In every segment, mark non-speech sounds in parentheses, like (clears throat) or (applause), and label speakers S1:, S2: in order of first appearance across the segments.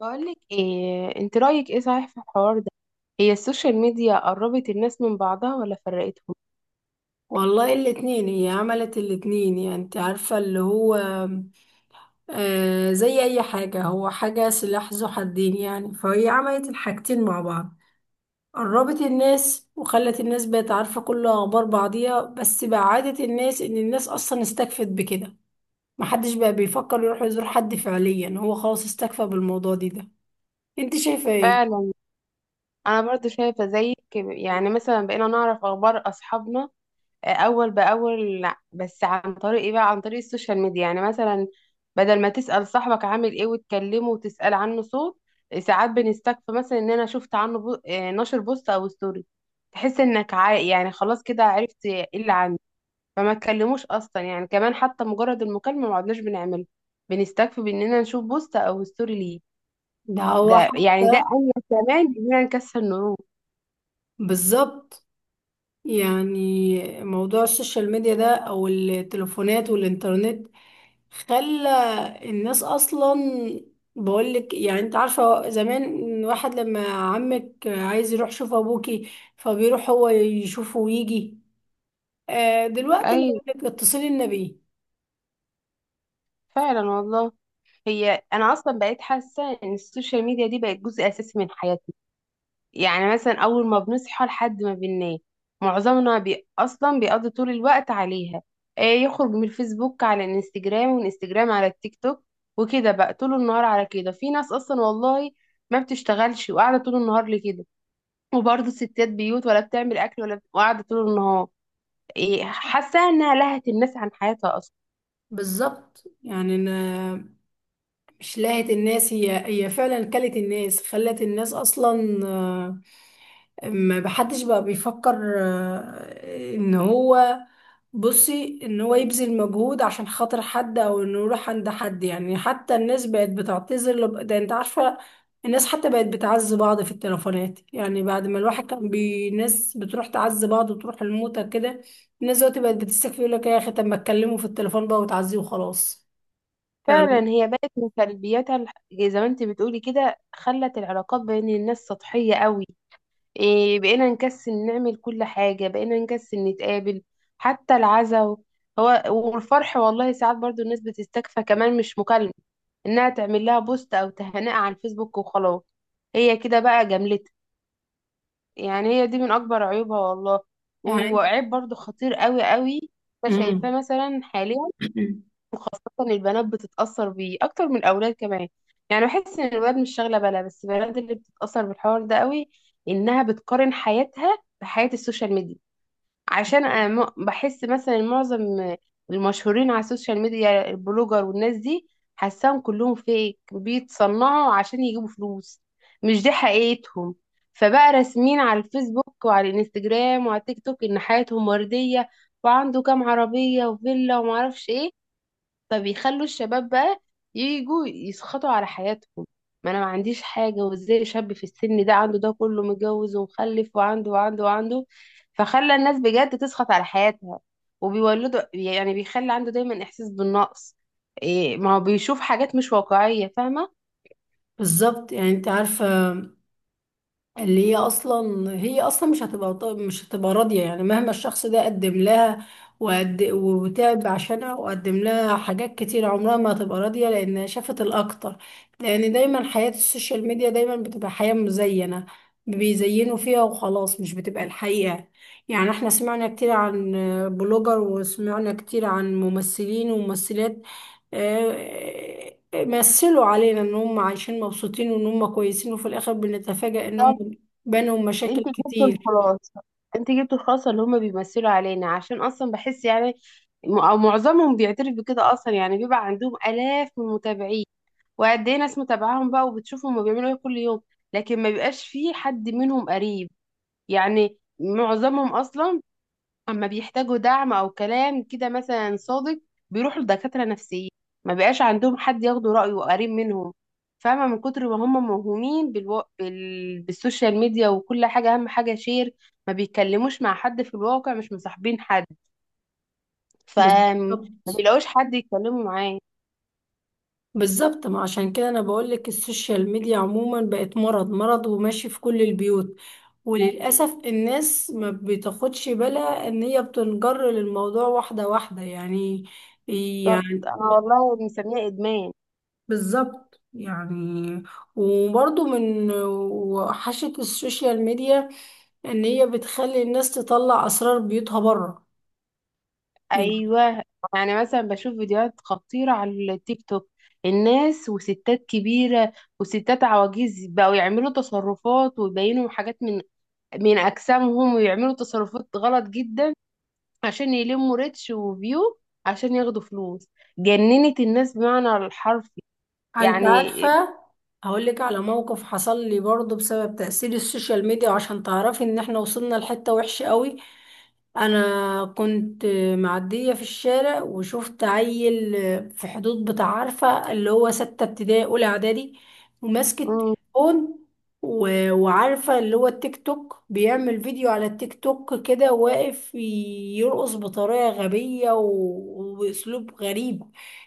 S1: بقولك ايه، انت رأيك ايه صحيح في الحوار ده؟ هي السوشيال ميديا قربت الناس من بعضها ولا فرقتهم؟
S2: والله الاتنين، هي عملت الاتنين. يعني انت عارفة اللي هو آه، زي اي حاجة، هو حاجة سلاح ذو حدين. يعني فهي عملت الحاجتين مع بعض، قربت الناس وخلت الناس بقت عارفة كل اخبار بعضيها، بس بعدت الناس ان الناس اصلا استكفت بكده. محدش بقى بيفكر يروح يزور حد فعليا، هو خلاص استكفى بالموضوع دي ده. انت شايفة ايه؟
S1: فعلا، انا برضو شايفة زيك. يعني مثلا بقينا نعرف اخبار اصحابنا اول باول، لا بس عن طريق ايه بقى؟ عن طريق السوشيال ميديا. يعني مثلا بدل ما تسأل صاحبك عامل ايه وتكلمه وتسأل عنه صوت، ساعات بنستكفى مثلا ان انا شفت عنه بو... آه، نشر بوست او ستوري. تحس يعني خلاص كده عرفت ايه اللي عنه. فما اتكلموش اصلا، يعني كمان حتى مجرد المكالمه ما عدناش بنعمله، بنستكفي باننا نشوف بوست او ستوري ليه.
S2: ده هو
S1: ده يعني
S2: حتى
S1: ده انجز كمان اننا نكسر النور.
S2: بالظبط. يعني موضوع السوشيال ميديا ده او التليفونات والانترنت خلى الناس اصلا، بقولك يعني انت عارفة زمان واحد لما عمك عايز يروح يشوف ابوكي فبيروح هو يشوفه ويجي. دلوقتي
S1: ايوه،
S2: لك اتصلي النبي.
S1: فعلا والله. هي انا اصلا بقيت حاسه ان السوشيال ميديا دي بقت جزء اساسي من حياتنا. يعني مثلا اول ما بنصحى لحد ما بننام، معظمنا بي اصلا بيقضي طول الوقت عليها. إيه، يخرج من الفيسبوك على الانستجرام، ومن الانستجرام على التيك توك، وكده بقى طول النهار على كده. في ناس اصلا والله ما بتشتغلش وقاعده طول النهار لكده، وبرضه ستات بيوت ولا بتعمل اكل ولا قاعده طول النهار. إيه، حاسه انها لهت الناس عن حياتها اصلا.
S2: بالظبط. يعني انا، مش لاهت الناس، هي هي فعلا كلت الناس، خلت الناس اصلا ما بحدش بقى بيفكر ان هو، بصي ان هو يبذل مجهود عشان خاطر حد او انه يروح عند حد. يعني حتى الناس بقت بتعتذر لب... ده انت عارفة الناس حتى بقت بتعز بعض في التليفونات. يعني بعد ما الواحد كان بي... الناس بتروح تعز بعض وتروح الموتى كده، الناس دلوقتي بقت بتستكفي، يقول لك يا اخي طب ما اتكلموا في التليفون بقى وتعزيه وخلاص. ف...
S1: فعلا، هي بقت من سلبياتها زي ما انت بتقولي كده، خلت العلاقات بين الناس سطحيه قوي. إيه، بقينا نكسل نعمل كل حاجة، بقينا نكسل نتقابل حتى العزاء هو والفرح. والله ساعات برضو الناس بتستكفى كمان مش مكالمة، انها تعمل لها بوست او تهنئة على الفيسبوك وخلاص. هي كده بقى جملتها. يعني هي دي من اكبر عيوبها والله،
S2: يعني
S1: وعيب برضو خطير قوي قوي. أنا
S2: مم.
S1: شايفاه مثلا حاليا
S2: (clears throat)
S1: اصلا البنات بتتاثر بيه اكتر من الاولاد كمان. يعني بحس ان الولاد مش شاغله بالها، بس البنات اللي بتتاثر بالحوار ده قوي، انها بتقارن حياتها بحياه السوشيال ميديا. عشان انا بحس مثلا معظم المشهورين على السوشيال ميديا، البلوجر والناس دي، حاساهم كلهم فيك بيتصنعوا عشان يجيبوا فلوس، مش دي حقيقتهم. فبقى راسمين على الفيسبوك وعلى الانستجرام وعلى التيك توك ان حياتهم ورديه، وعنده كام عربيه وفيلا ومعرفش ايه. فبيخلوا الشباب بقى يجوا يسخطوا على حياتهم. ما انا ما عنديش حاجه، وازاي شاب في السن ده عنده ده كله، متجوز ومخلف وعنده وعنده وعنده. فخلى الناس بجد تسخط على حياتها، وبيولدوا يعني بيخلي عنده دايما احساس بالنقص. إيه، ما هو بيشوف حاجات مش واقعيه، فاهمه.
S2: بالظبط. يعني انت عارفة اللي هي اصلا، هي اصلا مش هتبقى مش هتبقى راضيه. يعني مهما الشخص ده قدم لها وقد وتعب عشانها وقدم لها حاجات كتير، عمرها ما هتبقى راضيه لان شافت الاكتر. لان دايما حياه السوشيال ميديا دايما بتبقى حياه مزينه، بيزينوا فيها وخلاص، مش بتبقى الحقيقه. يعني احنا سمعنا كتير عن بلوجر، وسمعنا كتير عن ممثلين وممثلات مثلوا علينا ان هم عايشين مبسوطين وان هم كويسين، وفي الاخر بنتفاجأ ان
S1: طب
S2: هم بينهم مشاكل
S1: انت جبت
S2: كتير.
S1: الخلاصه، انت جبت الخلاصه. اللي هم بيمثلوا علينا، عشان اصلا بحس يعني او معظمهم بيعترف بكده اصلا. يعني بيبقى عندهم الاف من المتابعين، وقد ايه ناس متابعاهم بقى وبتشوفهم هما بيعملوا ايه كل يوم، لكن ما بيبقاش فيه حد منهم قريب. يعني معظمهم اصلا اما بيحتاجوا دعم او كلام كده مثلا صادق، بيروحوا لدكاترة نفسيين، ما بيبقاش عندهم حد ياخدوا رأيه قريب منهم. فاهمة، من كتر ما هم موهومين بالسوشيال ميديا، وكل حاجة أهم حاجة شير، ما بيتكلموش مع حد في الواقع، مش مصاحبين حد، فما
S2: بالظبط.
S1: بيلاقوش حد يتكلموا معاه.
S2: بالظبط، ما عشان كده انا بقول لك السوشيال ميديا عموما بقت مرض، مرض وماشي في كل البيوت. وللاسف الناس ما بتاخدش بالها ان هي بتنجر للموضوع واحدة واحدة. يعني،
S1: بالظبط،
S2: يعني
S1: أنا والله مسميها إدمان.
S2: بالظبط. يعني وبرضه من وحشة السوشيال ميديا ان هي بتخلي الناس تطلع اسرار بيوتها بره. يعني
S1: ايوه، يعني مثلا بشوف فيديوهات خطيره على التيك توك، الناس وستات كبيره وستات عواجيز بقوا يعملوا تصرفات ويبينوا حاجات من من اجسامهم، ويعملوا تصرفات غلط جدا عشان يلموا ريتش وفيو، عشان ياخدوا فلوس. جننت الناس بمعنى الحرفي.
S2: انت
S1: يعني
S2: عارفة، هقول لك على موقف حصل لي برضه بسبب تأثير السوشيال ميديا، وعشان تعرفي ان احنا وصلنا لحتة وحشة قوي. انا كنت معدية في الشارع وشفت عيل في حدود بتاع عارفة اللي هو ستة ابتدائي اولى اعدادي، وماسك التليفون، وعارفة اللي هو التيك توك، بيعمل فيديو على التيك توك كده واقف يرقص بطريقة غبية و... وبأسلوب غريب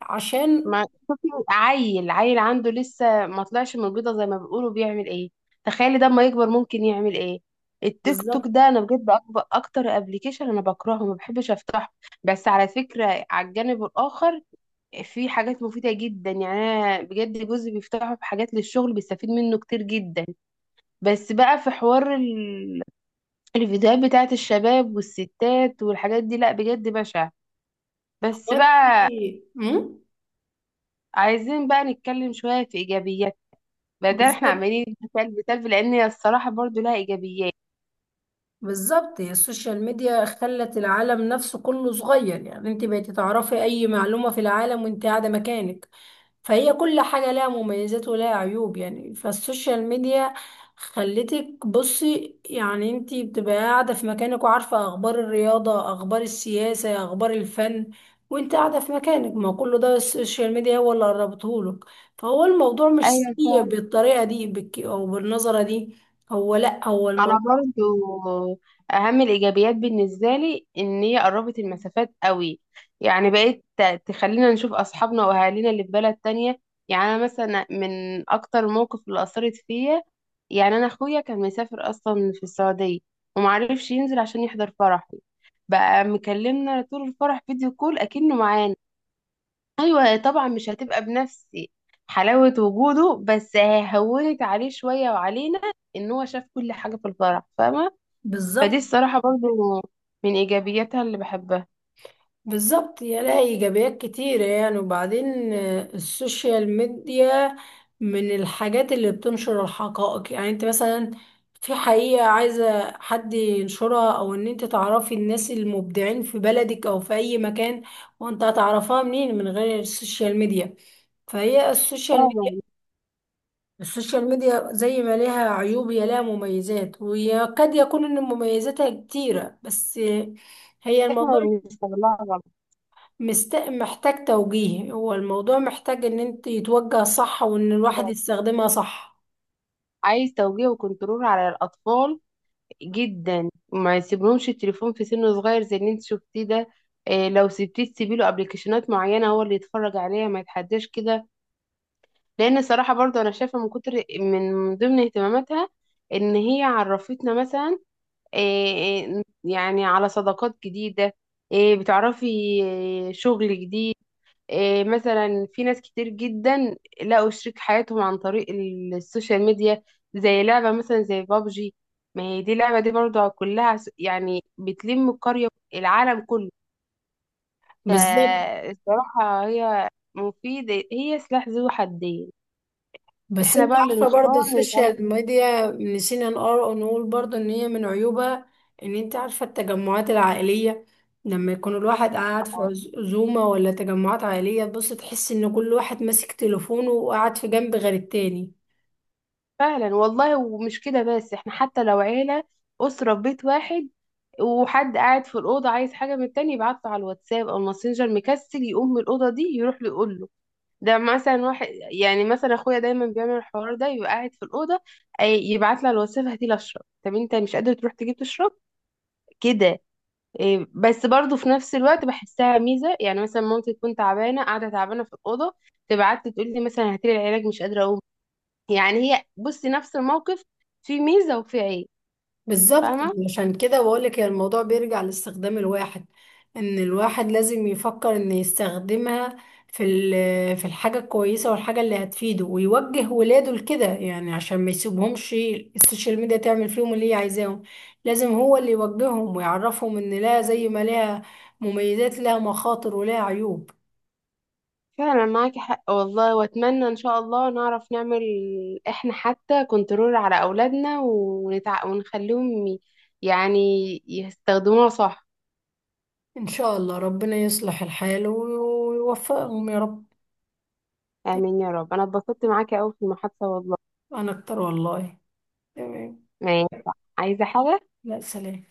S2: عشان،
S1: ما شوفي عيل، عيل عنده لسه ما طلعش من البيضة زي ما بيقولوا بيعمل ايه، تخيلي ده اما يكبر ممكن يعمل ايه. التيك توك
S2: بالظبط.
S1: ده انا بجد اكبر اكتر ابلكيشن انا بكرهه، ما بحبش افتحه. بس على فكرة على الجانب الاخر في حاجات مفيدة جدا، يعني انا بجد جوزي بيفتحه في حاجات للشغل بيستفيد منه كتير جدا. بس بقى في حوار الفيديوهات بتاعت الشباب والستات والحاجات دي، لا بجد بشع. بس بقى
S2: دلوقتي مم؟
S1: عايزين بقى نتكلم شوية في ايجابيات، بدل احنا
S2: بالظبط.
S1: عمالين بسلب بسلب، لان هي الصراحه برضو لها ايجابيات.
S2: بالظبط، هي السوشيال ميديا خلت العالم نفسه كله صغير. يعني انت بقيتي تعرفي اي معلومة في العالم وانت قاعدة مكانك. فهي كل حاجة لها مميزات ولها عيوب. يعني فالسوشيال ميديا خلتك بصي، يعني انتي بتبقى قاعدة في مكانك وعارفة اخبار الرياضة، اخبار السياسة، اخبار الفن وانت قاعدة في مكانك. ما كل ده السوشيال ميديا هو اللي قربتهولك. فهو الموضوع مش
S1: ايوه
S2: سيء
S1: فعلا،
S2: بالطريقة دي بك او بالنظرة دي. هو لا، هو
S1: انا
S2: الموضوع
S1: برضو اهم الايجابيات بالنسبه لي ان هي قربت المسافات قوي. يعني تخلينا نشوف اصحابنا واهالينا اللي في بلد تانية. يعني انا مثلا من اكتر الموقف اللي اثرت فيا، يعني انا اخويا كان مسافر اصلا في السعوديه، ومعرفش ينزل عشان يحضر فرحي، بقى مكلمنا طول الفرح فيديو كول اكنه معانا. ايوه طبعا مش هتبقى بنفس حلاوة وجوده، بس ههونت عليه شوية وعلينا ان هو شاف كل حاجة في الفرح، فاهمة. فدي
S2: بالظبط.
S1: الصراحة برضو من ايجابياتها اللي بحبها.
S2: بالظبط، يا لها ايجابيات كتيرة. يعني وبعدين السوشيال ميديا من الحاجات اللي بتنشر الحقائق. يعني انت مثلا في حقيقة عايزة حد ينشرها، او ان انت تعرفي الناس المبدعين في بلدك او في اي مكان، وانت هتعرفها منين من غير السوشيال ميديا؟ فهي السوشيال ميديا،
S1: فعلا،
S2: السوشيال ميديا زي ما لها عيوب هي لها مميزات، وقد يكون ان مميزاتها كتيرة. بس هي الموضوع
S1: احنا بنستغلها
S2: مست... محتاج توجيه، هو الموضوع محتاج ان انت يتوجه صح وان الواحد
S1: غلط.
S2: يستخدمها صح.
S1: عايز توجيه وكنترول على الاطفال جدا، ما يسيبلهمش التليفون في سن صغير زي اللي انت شفتيه ده. إيه، لو سبتيه تسيبي له ابلكيشنات معينة هو اللي يتفرج عليها، ما يتحداش كده. لان الصراحه برضو انا شايفه من كتر من ضمن اهتماماتها ان هي عرفتنا مثلا إيه، إيه يعني على صداقات جديده، إيه بتعرفي إيه شغل جديد. إيه، مثلا في ناس كتير جدا لقوا شريك حياتهم عن طريق السوشيال ميديا. زي لعبه مثلا زي بابجي، ما هي دي لعبه دي برضو كلها يعني بتلم القريه، العالم كله.
S2: بالظبط،
S1: فالصراحه هي مفيده، هي سلاح ذو حدين،
S2: بس
S1: احنا
S2: انت
S1: بقى اللي
S2: عارفة
S1: نختار
S2: برضو السوشيال
S1: نتعامل
S2: ميديا نسينا نقول برضو ان هي من عيوبها ان انت عارفة التجمعات العائلية، لما يكون الواحد قاعد في
S1: معاه.
S2: عزومة ولا تجمعات عائلية، تبص تحس ان كل واحد ماسك تليفونه وقاعد في جنب غير التاني.
S1: فعلا والله. ومش كده بس، احنا حتى لو عيلة، أسرة في بيت واحد، وحد قاعد في الأوضة عايز حاجة من التاني، يبعت له على الواتساب أو الماسنجر، مكسل يقوم من الأوضة دي يروح له يقول له. ده مثلا واحد يعني مثلا أخويا دايما بيعمل الحوار ده، يبقى قاعد في الأوضة، يبعت له على الواتساب هاتيلي أشرب. طب أنت مش قادر تروح تجيب تشرب؟ كده. إيه، بس برضه في نفس الوقت بحسها ميزة. يعني مثلا مامتي تكون تعبانة، قاعدة تعبانة في الأوضة، تبعت لي تقول لي مثلا هاتيلي العلاج مش قادرة أقوم. يعني هي بصي نفس الموقف فيه ميزة وفيه عيب،
S2: بالظبط.
S1: فاهمة.
S2: عشان كده بقولك هي الموضوع بيرجع لاستخدام الواحد، ان الواحد لازم يفكر ان يستخدمها في الحاجة الكويسة والحاجة اللي هتفيده، ويوجه ولاده لكده يعني، عشان ما يسيبهمش السوشيال ميديا تعمل فيهم اللي هي عايزاهم. لازم هو اللي يوجههم ويعرفهم ان لا، زي ما لها مميزات لها مخاطر ولها عيوب.
S1: فعلا معاكي حق والله، واتمنى ان شاء الله نعرف نعمل احنا حتى كنترول على اولادنا، ونخليهم يعني يستخدموها صح.
S2: ان شاء الله ربنا يصلح الحال ويوفقهم يا رب.
S1: امين يا رب، انا اتبسطت معاكي قوي في المحادثة والله.
S2: انا اكتر والله. تمام.
S1: ماشي، عايزة حاجة؟
S2: لا، سلام.